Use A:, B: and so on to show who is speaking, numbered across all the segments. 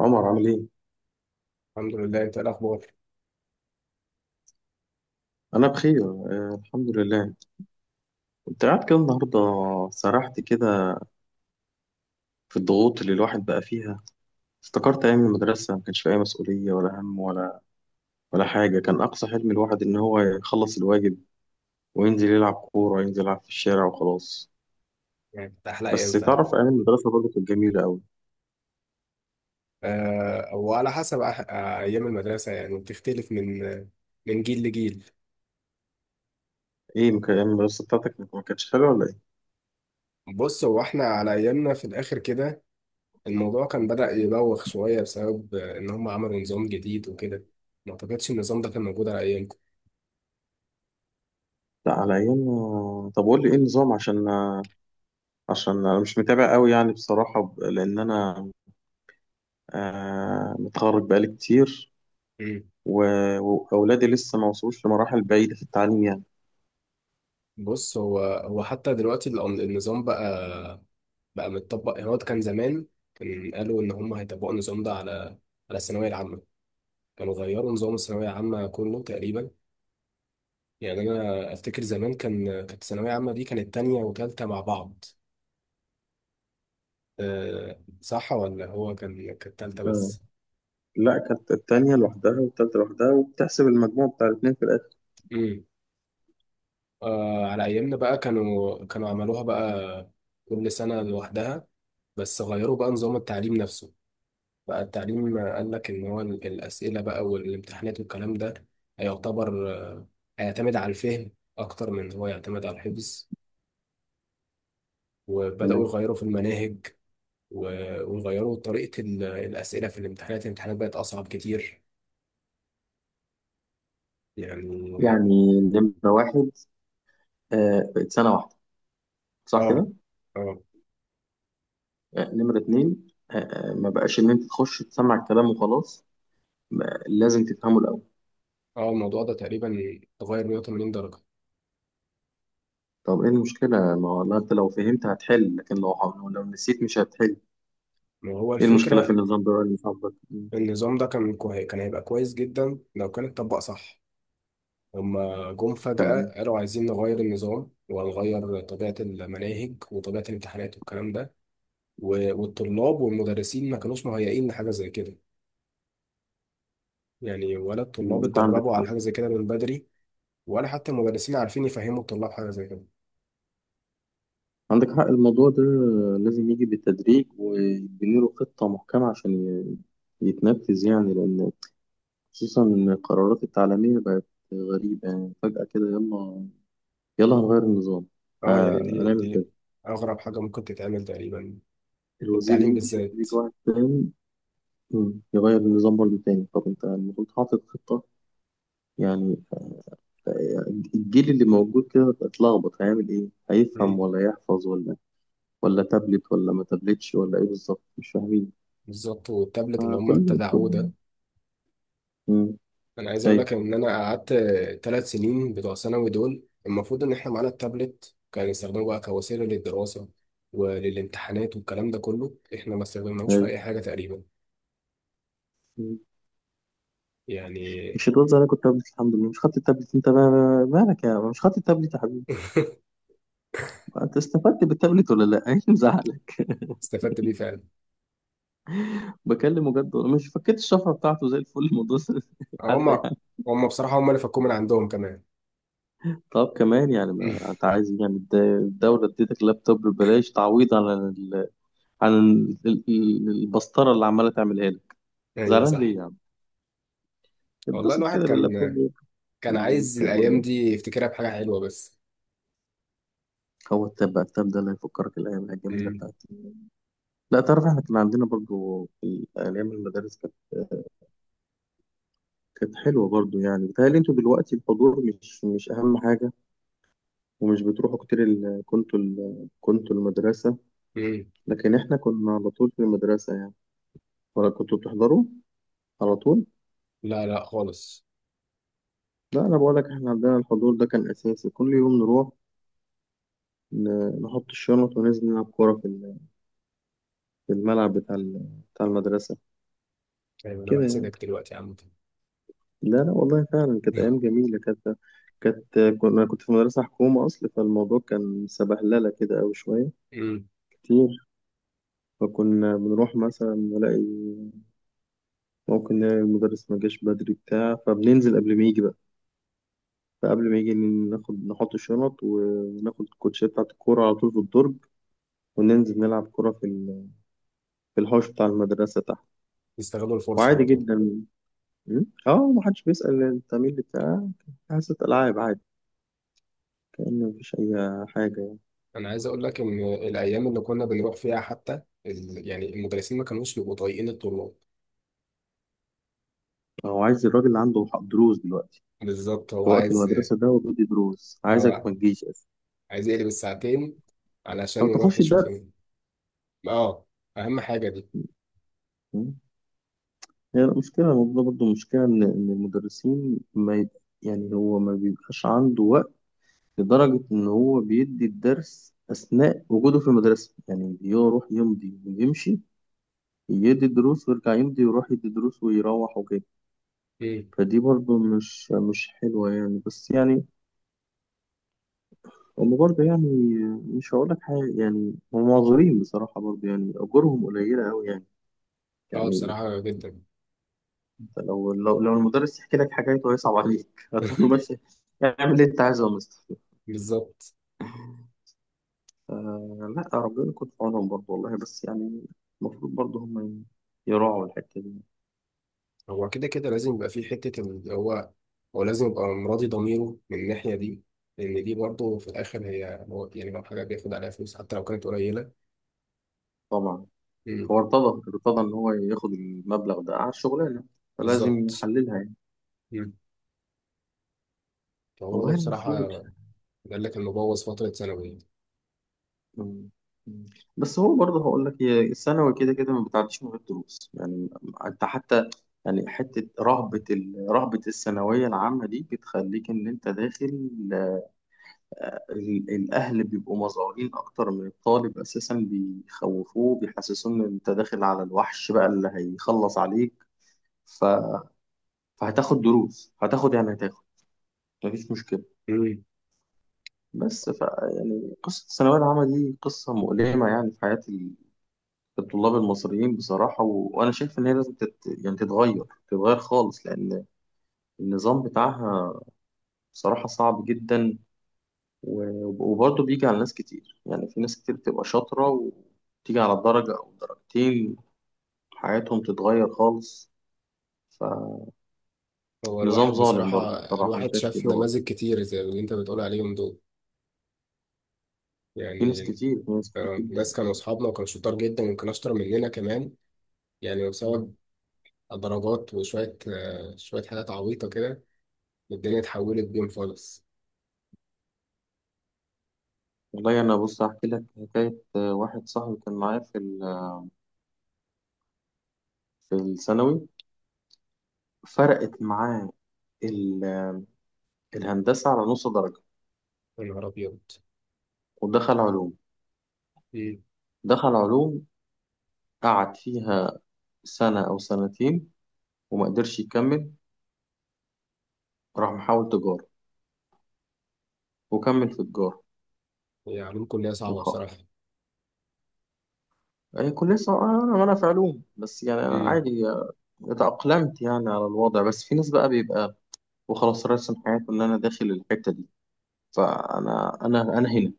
A: عمر عامل ايه؟
B: الحمد لله، انت ايه الاخبار؟
A: أنا بخير، الحمد لله. كنت قاعد كده النهاردة، سرحت كده في الضغوط اللي الواحد بقى فيها. افتكرت أيام المدرسة ما كانش فيها أي مسؤولية ولا هم ولا حاجة. كان أقصى حلم الواحد إن هو يخلص الواجب وينزل يلعب كورة، ينزل يلعب في الشارع وخلاص.
B: يعني كانت احلى
A: بس
B: ايام فعلا.
A: تعرف أيام المدرسة برضه كانت جميلة أوي.
B: أه، وعلى حسب أح آه، ايام المدرسه يعني بتختلف من جيل لجيل.
A: إيه، أيام المدرسة بتاعتك ما كانتش حلوة ولا إيه؟
B: بص، هو احنا على ايامنا في الاخر كده الموضوع كان بدأ يبوخ شويه بسبب ان هم عملوا نظام جديد وكده. ما اعتقدش النظام ده كان موجود على ايامكم.
A: لا، على أيامنا. طب قول لي إيه النظام، عشان عشان أنا مش متابع أوي يعني، بصراحة لأن أنا متخرج بقالي كتير.
B: مم.
A: و- وأولادي لسه ما وصلوش لمراحل بعيدة في التعليم يعني.
B: بص، هو حتى دلوقتي النظام بقى متطبق. يعني هو كان زمان، كان قالوا ان هم هيطبقوا النظام ده على الثانويه العامه. كانوا غيروا نظام الثانويه العامه كله تقريبا. يعني انا افتكر زمان كانت ثانويه عامه دي كانت تانية وتالتة مع بعض. أه صح، ولا هو كانت تالتة
A: اه،
B: بس؟
A: لا كانت التانية لوحدها والتالتة لوحدها، وبتحسب المجموع بتاع الاتنين في الآخر.
B: امم. أه على ايامنا بقى كانوا عملوها بقى كل سنه لوحدها. بس غيروا بقى نظام التعليم نفسه. بقى التعليم قال لك ان هو الاسئله بقى والامتحانات والكلام ده هيعتبر آه، هيعتمد على الفهم اكتر من إن هو يعتمد على الحفظ. وبداوا
A: تمام.
B: يغيروا في المناهج. وغيروا طريقة الأسئلة في الامتحانات. الامتحانات بقت أصعب كتير يعني.
A: يعني نمرة واحد، بقت سنة واحدة، صح
B: اه،
A: كده؟
B: اه،
A: آه. نمرة اتنين، ما بقاش إن أنت تخش تسمع الكلام وخلاص، لازم تفهمه الأول.
B: اه، الموضوع ده تقريبا اتغير 180 درجة.
A: طب إيه المشكلة؟ ما هو لا، أنت لو فهمت هتحل، لكن لو نسيت مش هتحل.
B: ما هو
A: إيه المشكلة في
B: الفكرة.
A: النظام ده اللي صاحبك؟ مم.
B: النظام ده كان هيبقى كويس جدا لو كان اتطبق صح. هما جم فجأة
A: تمام.
B: قالوا عايزين نغير النظام، وهنغير طبيعة المناهج وطبيعة الامتحانات والكلام ده. والطلاب والمدرسين ما كانوش مهيئين لحاجة زي كده. يعني ولا الطلاب
A: أنت عندك
B: اتدربوا
A: حق.
B: على حاجة زي كده من بدري، ولا حتى المدرسين عارفين يفهموا الطلاب حاجة زي كده.
A: عندك حق، الموضوع ده لازم يجي بالتدريج ويبني له خطة محكمة عشان يتنفذ يعني، لأن خصوصا إن القرارات التعليمية بقت غريبة يعني. فجأة كده، يلا يلا هنغير النظام،
B: اه، يعني
A: ه-
B: دي
A: هنعمل
B: دي
A: كده.
B: اغرب حاجه ممكن تتعمل تقريبا في
A: الوزير
B: التعليم
A: يمشي
B: بالذات.
A: ويجي واحد تاني، يغير النظام برضه تاني. طب أنت المفروض حاطط خطة يعني. الجيل اللي موجود كده اتلخبط، هيعمل إيه؟ هيفهم
B: مم.
A: ولا يحفظ، ولا تابلت ولا ما تابلتش، ولا إيه بالظبط؟ مش فاهمين.
B: بالظبط، والتابلت اللي هم
A: فكله
B: ابتدعوه
A: كله
B: ده.
A: كله.
B: انا عايز اقول
A: ايوه.
B: لك ان انا قعدت ثلاث سنين بتوع ثانوي. دول المفروض ان احنا معانا التابلت كان يستخدموه بقى كوسيله للدراسه وللامتحانات والكلام ده كله، احنا ما استخدمناهوش في
A: ايوه،
B: اي حاجه تقريبا يعني.
A: مش هتقول زي انا كنت تابلت الحمد لله مش خدت التابلت انت بقى؟ مالك يا عم، مش خدت التابلت يا حبيبي؟ انت استفدت بالتابلت ولا لا؟ ايه اللي مزعلك؟
B: استفدت بيه فعلا.
A: بكلمه جد والله، مش فكيت الشفره بتاعته زي الفل الموضوع؟
B: هم
A: حد يعني.
B: هم بصراحه، هم اللي فكوه من عندهم كمان.
A: طب كمان يعني، ما انت عايز إيه يعني؟ الدوله اديتك لابتوب ببلاش، تعويض عن ال... البسطره اللي عماله تعملها لك.
B: ايوه
A: زعلان ليه
B: صح.
A: يا عم؟
B: والله
A: اتبسط
B: الواحد
A: كده
B: كان
A: باللابتوب.
B: كان
A: ولا
B: عايز
A: التاب ولا
B: الأيام
A: إيه؟
B: دي يفتكرها بحاجة حلوة بس.
A: هو التاب بقى، التاب ده اللي هيفكرك الايام الجميله
B: مم.
A: بتاعتي؟ لا تعرف، احنا كان عندنا برضو في ايام المدارس كانت حلوه برضو يعني. بيتهيألي انتوا دلوقتي الحضور مش اهم حاجه، ومش بتروحوا كتير كنتوا المدرسه،
B: مم.
A: لكن احنا كنا على طول في المدرسه يعني. ولا كنتوا بتحضروا على طول؟
B: لا لا خالص.
A: لا، انا بقول لك احنا عندنا الحضور ده كان اساسي، كل يوم نروح ن... نحط الشنط وننزل نلعب كوره في في الملعب بتاع المدرسه،
B: أيوة، أنا
A: كده يعني.
B: بحسدك دلوقتي يا عم.
A: لا لا والله، فعلا كانت أيام جميلة. كانت كانت كنا كنت في مدرسة حكومة أصل، فالموضوع كان سبهللة كده أوي، شوية
B: مم.
A: كتير. فكنا بنروح مثلا ممكن نلاقي المدرس ما جاش بدري بتاع، فبننزل قبل ما يجي بقى. فقبل ما يجي نحط الشنط وناخد الكوتشيه بتاعة الكورة على طول في الدرج، وننزل نلعب كورة في في الحوش بتاع المدرسة تحت،
B: يستغلوا الفرصة على
A: وعادي
B: طول.
A: جدا. اه، محدش بيسأل انت مين اللي بتاع حصة ألعاب؟ عادي، كأن مفيش أي حاجة.
B: أنا عايز أقول لك إن الأيام اللي كنا بنروح فيها حتى يعني المدرسين ما كانوش بيبقوا طايقين الطلاب.
A: هو عايز الراجل اللي عنده دروس دلوقتي
B: بالظبط،
A: في
B: هو
A: وقت
B: عايز.
A: المدرسة ده، هو بيدي دروس، عايزك
B: هو
A: ما تجيش أصلا
B: عايز يقلب الساعتين علشان
A: أو
B: يروح
A: تخش
B: يشوف
A: الدرس.
B: اه، أهم حاجة دي.
A: م? هي المشكلة. الموضوع برضه مشكلة إن المدرسين ما يب... يعني هو ما بيبقاش عنده وقت، لدرجة إن هو بيدي الدرس أثناء وجوده في المدرسة يعني. بيروح يمضي ويمشي، يدي الدروس ويرجع يمضي ويروح يدي دروس ويروح وكده.
B: مم.
A: فدي برضه مش حلوة يعني. بس يعني هم برضه يعني، مش هقول لك حاجة يعني، هم معذورين بصراحة برضه يعني، أجورهم قليلة أوي يعني.
B: اه،
A: يعني
B: بصراحة جدا.
A: أنت لو المدرس يحكي لك حكايته هيصعب عليك. هتقول له ماشي، اعمل اللي أنت عايزه يا مستر.
B: بالظبط.
A: لا، ربنا يكون في عونهم برضه والله، بس يعني المفروض برضه هم يراعوا الحتة دي.
B: هو كده كده لازم يبقى في حتة اللي هو، هو لازم يبقى مراضي ضميره من الناحية دي. لأن دي برضه في الآخر هي هو يعني لو حاجة بياخد عليها فلوس حتى لو كانت قليلة.
A: طبعا.
B: مم.
A: هو ارتضى، إن هو ياخد المبلغ ده على الشغلانة، فلازم
B: بالظبط.
A: يحللها يعني.
B: مم. فهو ده
A: والله
B: بصراحة،
A: المفروض.
B: قال لك إنه بوظ فترة ثانوية.
A: مم. مم. بس هو برضه هقول لك، هي الثانوي كده كده ما بتعديش من غير دروس يعني. انت حتى يعني، حته رهبه رهبه الثانويه العامه دي، بتخليك ان انت الاهل بيبقوا مزعورين اكتر من الطالب اساسا، بيخوفوه، بيحسسوه ان انت داخل على الوحش بقى اللي هيخلص عليك. ف... فهتاخد دروس، هتاخد يعني، هتاخد، مفيش مشكله.
B: مم.
A: بس يعني قصه الثانويه العامه دي قصه مؤلمه يعني، في حياه الطلاب المصريين بصراحة. وأنا شايف إن هي لازم يعني تتغير خالص، لأن النظام بتاعها بصراحة صعب جدا. و... وبرضه بيجي على ناس كتير يعني. في ناس كتير بتبقى شاطرة وتيجي على درجة أو درجتين، حياتهم تتغير خالص. فنظام
B: هو الواحد
A: ظالم
B: بصراحة،
A: برضه، بصراحة أنا
B: الواحد
A: شايف
B: شاف
A: كده برضه.
B: نماذج كتير زي اللي أنت بتقول عليهم دول
A: في ناس
B: يعني.
A: كتير، في ناس كتير جدا.
B: ناس كانوا أصحابنا وكانوا شطار جدا يمكن أشطر مننا كمان. يعني
A: مم.
B: بسبب درجات وشوية آه، شوية حاجات عبيطة كده. الدنيا اتحولت بيهم خالص.
A: والله أنا بص أحكي لك حكاية، واحد صاحبي كان معايا في في الثانوي، فرقت معاه ال... الهندسة على نص درجة،
B: يا نهار أبيض.
A: ودخل علوم.
B: مم.
A: دخل علوم قعد فيها سنة أو سنتين وما قدرش يكمل، راح محاول تجارة وكمل في تجارة.
B: هي علوم كلية صعبة
A: وخ
B: بصراحة.
A: هي كلية صعبة. أنا في علوم بس يعني، أنا
B: مم.
A: عادي اتأقلمت يعني على الوضع، بس في ناس بقى بيبقى وخلاص راسم حياته إن أنا داخل الحتة دي، فأنا أنا أنا هنا،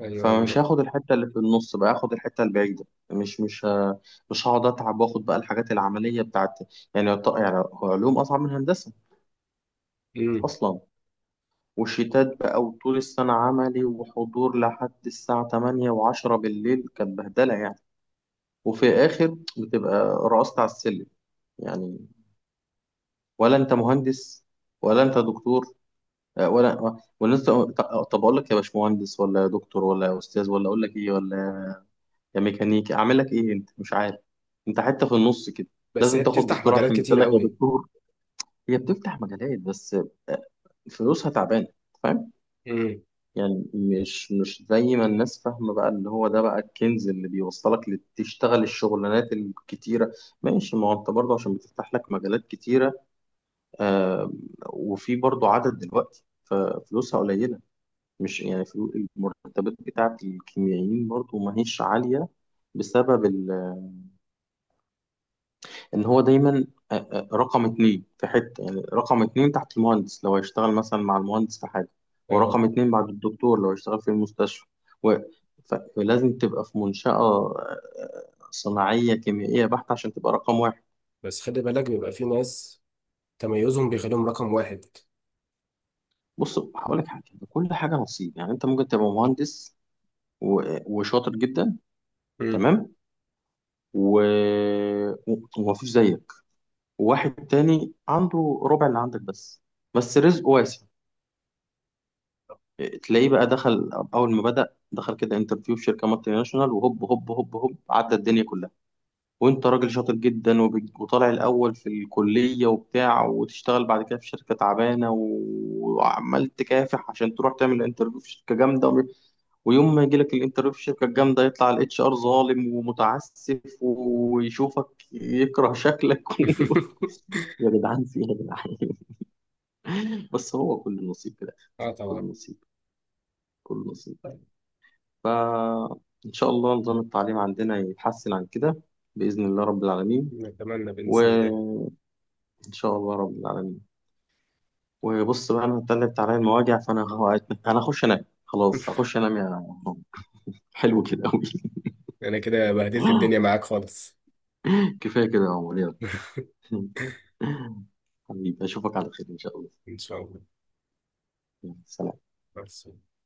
B: أيوة
A: فمش هاخد الحتة اللي في النص بقى، هاخد الحتة البعيدة. مش مش ه- مش هقعد أتعب وآخد بقى الحاجات العملية بتاعت. يعني يعني هو علوم أصعب من هندسة
B: مم.
A: أصلا، وشتات بقى، وطول السنة عملي وحضور لحد الساعة 8:10 بالليل، كانت بهدلة يعني. وفي الآخر بتبقى رقصت على السلم يعني، ولا أنت مهندس ولا أنت دكتور، ولا أنت. طب أقول لك يا باشمهندس ولا يا دكتور ولا يا أستاذ ولا أقول لك إيه، ولا يا ميكانيكي أعمل لك إيه؟ أنت مش عارف، أنت حتى في النص كده.
B: بس هي
A: لازم تاخد
B: بتفتح
A: دكتور
B: مجالات
A: عشان
B: كتير
A: يقول لك يا
B: قوي.
A: دكتور. هي بتفتح مجالات بس آه، فلوسها تعبانة. فاهم؟
B: مم.
A: يعني مش زي ما الناس فاهمة بقى، اللي هو ده بقى الكنز اللي بيوصلك تشتغل الشغلانات الكتيرة. ماشي، ما هو انت برضه عشان بتفتح لك مجالات كتيرة، آه، وفي برضه عدد دلوقتي ففلوسها قليلة. مش يعني المرتبات بتاعت الكيميائيين برضه ما هيش عالية، بسبب ان هو دايما رقم اتنين في حته يعني. رقم اتنين تحت المهندس لو هيشتغل مثلا مع المهندس في حاجه،
B: أيوة،
A: ورقم اتنين بعد الدكتور لو هيشتغل في المستشفى. و... فلازم تبقى في منشأة صناعية كيميائية بحتة عشان تبقى رقم واحد.
B: بس خلي بالك، بيبقى في ناس تميزهم بيخليهم رقم واحد.
A: بص هقول لك حاجة، كل حاجة نصيب يعني. انت ممكن تبقى مهندس وشاطر جدا،
B: مم.
A: تمام، و... ومفيش زيك، وواحد تاني عنده ربع اللي عندك بس، بس رزقه واسع. تلاقيه بقى اول ما بدأ دخل كده انترفيو في شركه مالتي ناشونال، وهوب هوب هوب هوب عدى الدنيا كلها. وانت راجل شاطر جدا وطالع الاول في الكليه وبتاع، وتشتغل بعد كده في شركه تعبانه، وعمال تكافح عشان تروح تعمل انترفيو في شركه جامده، ويوم ما يجي لك الانترفيو في الشركه الجامده، يطلع الـ HR ظالم ومتعسف ويشوفك يكره شكلك. يا جدعان، في ايه يا جدعان؟ بس هو كل نصيب كده،
B: اه،
A: كل
B: طبعا.
A: نصيب، كل نصيب. فإن شاء الله نظام التعليم عندنا يتحسن عن كده، بإذن الله رب العالمين.
B: نتمنى بإذن الله.
A: وإن شاء الله رب العالمين. وبص بقى، أنا اتقلبت عليا المواجع، أنا هخش أنام خلاص، هخش أنام يا عمر. حلو كده أوي.
B: أنا كده بهدلت الدنيا معاك خالص.
A: كفاية كده يا عمر، يلا. حبيبي أشوفك على خير إن شاء الله.
B: إن شاء الله.
A: يلا، سلام.
B: بس.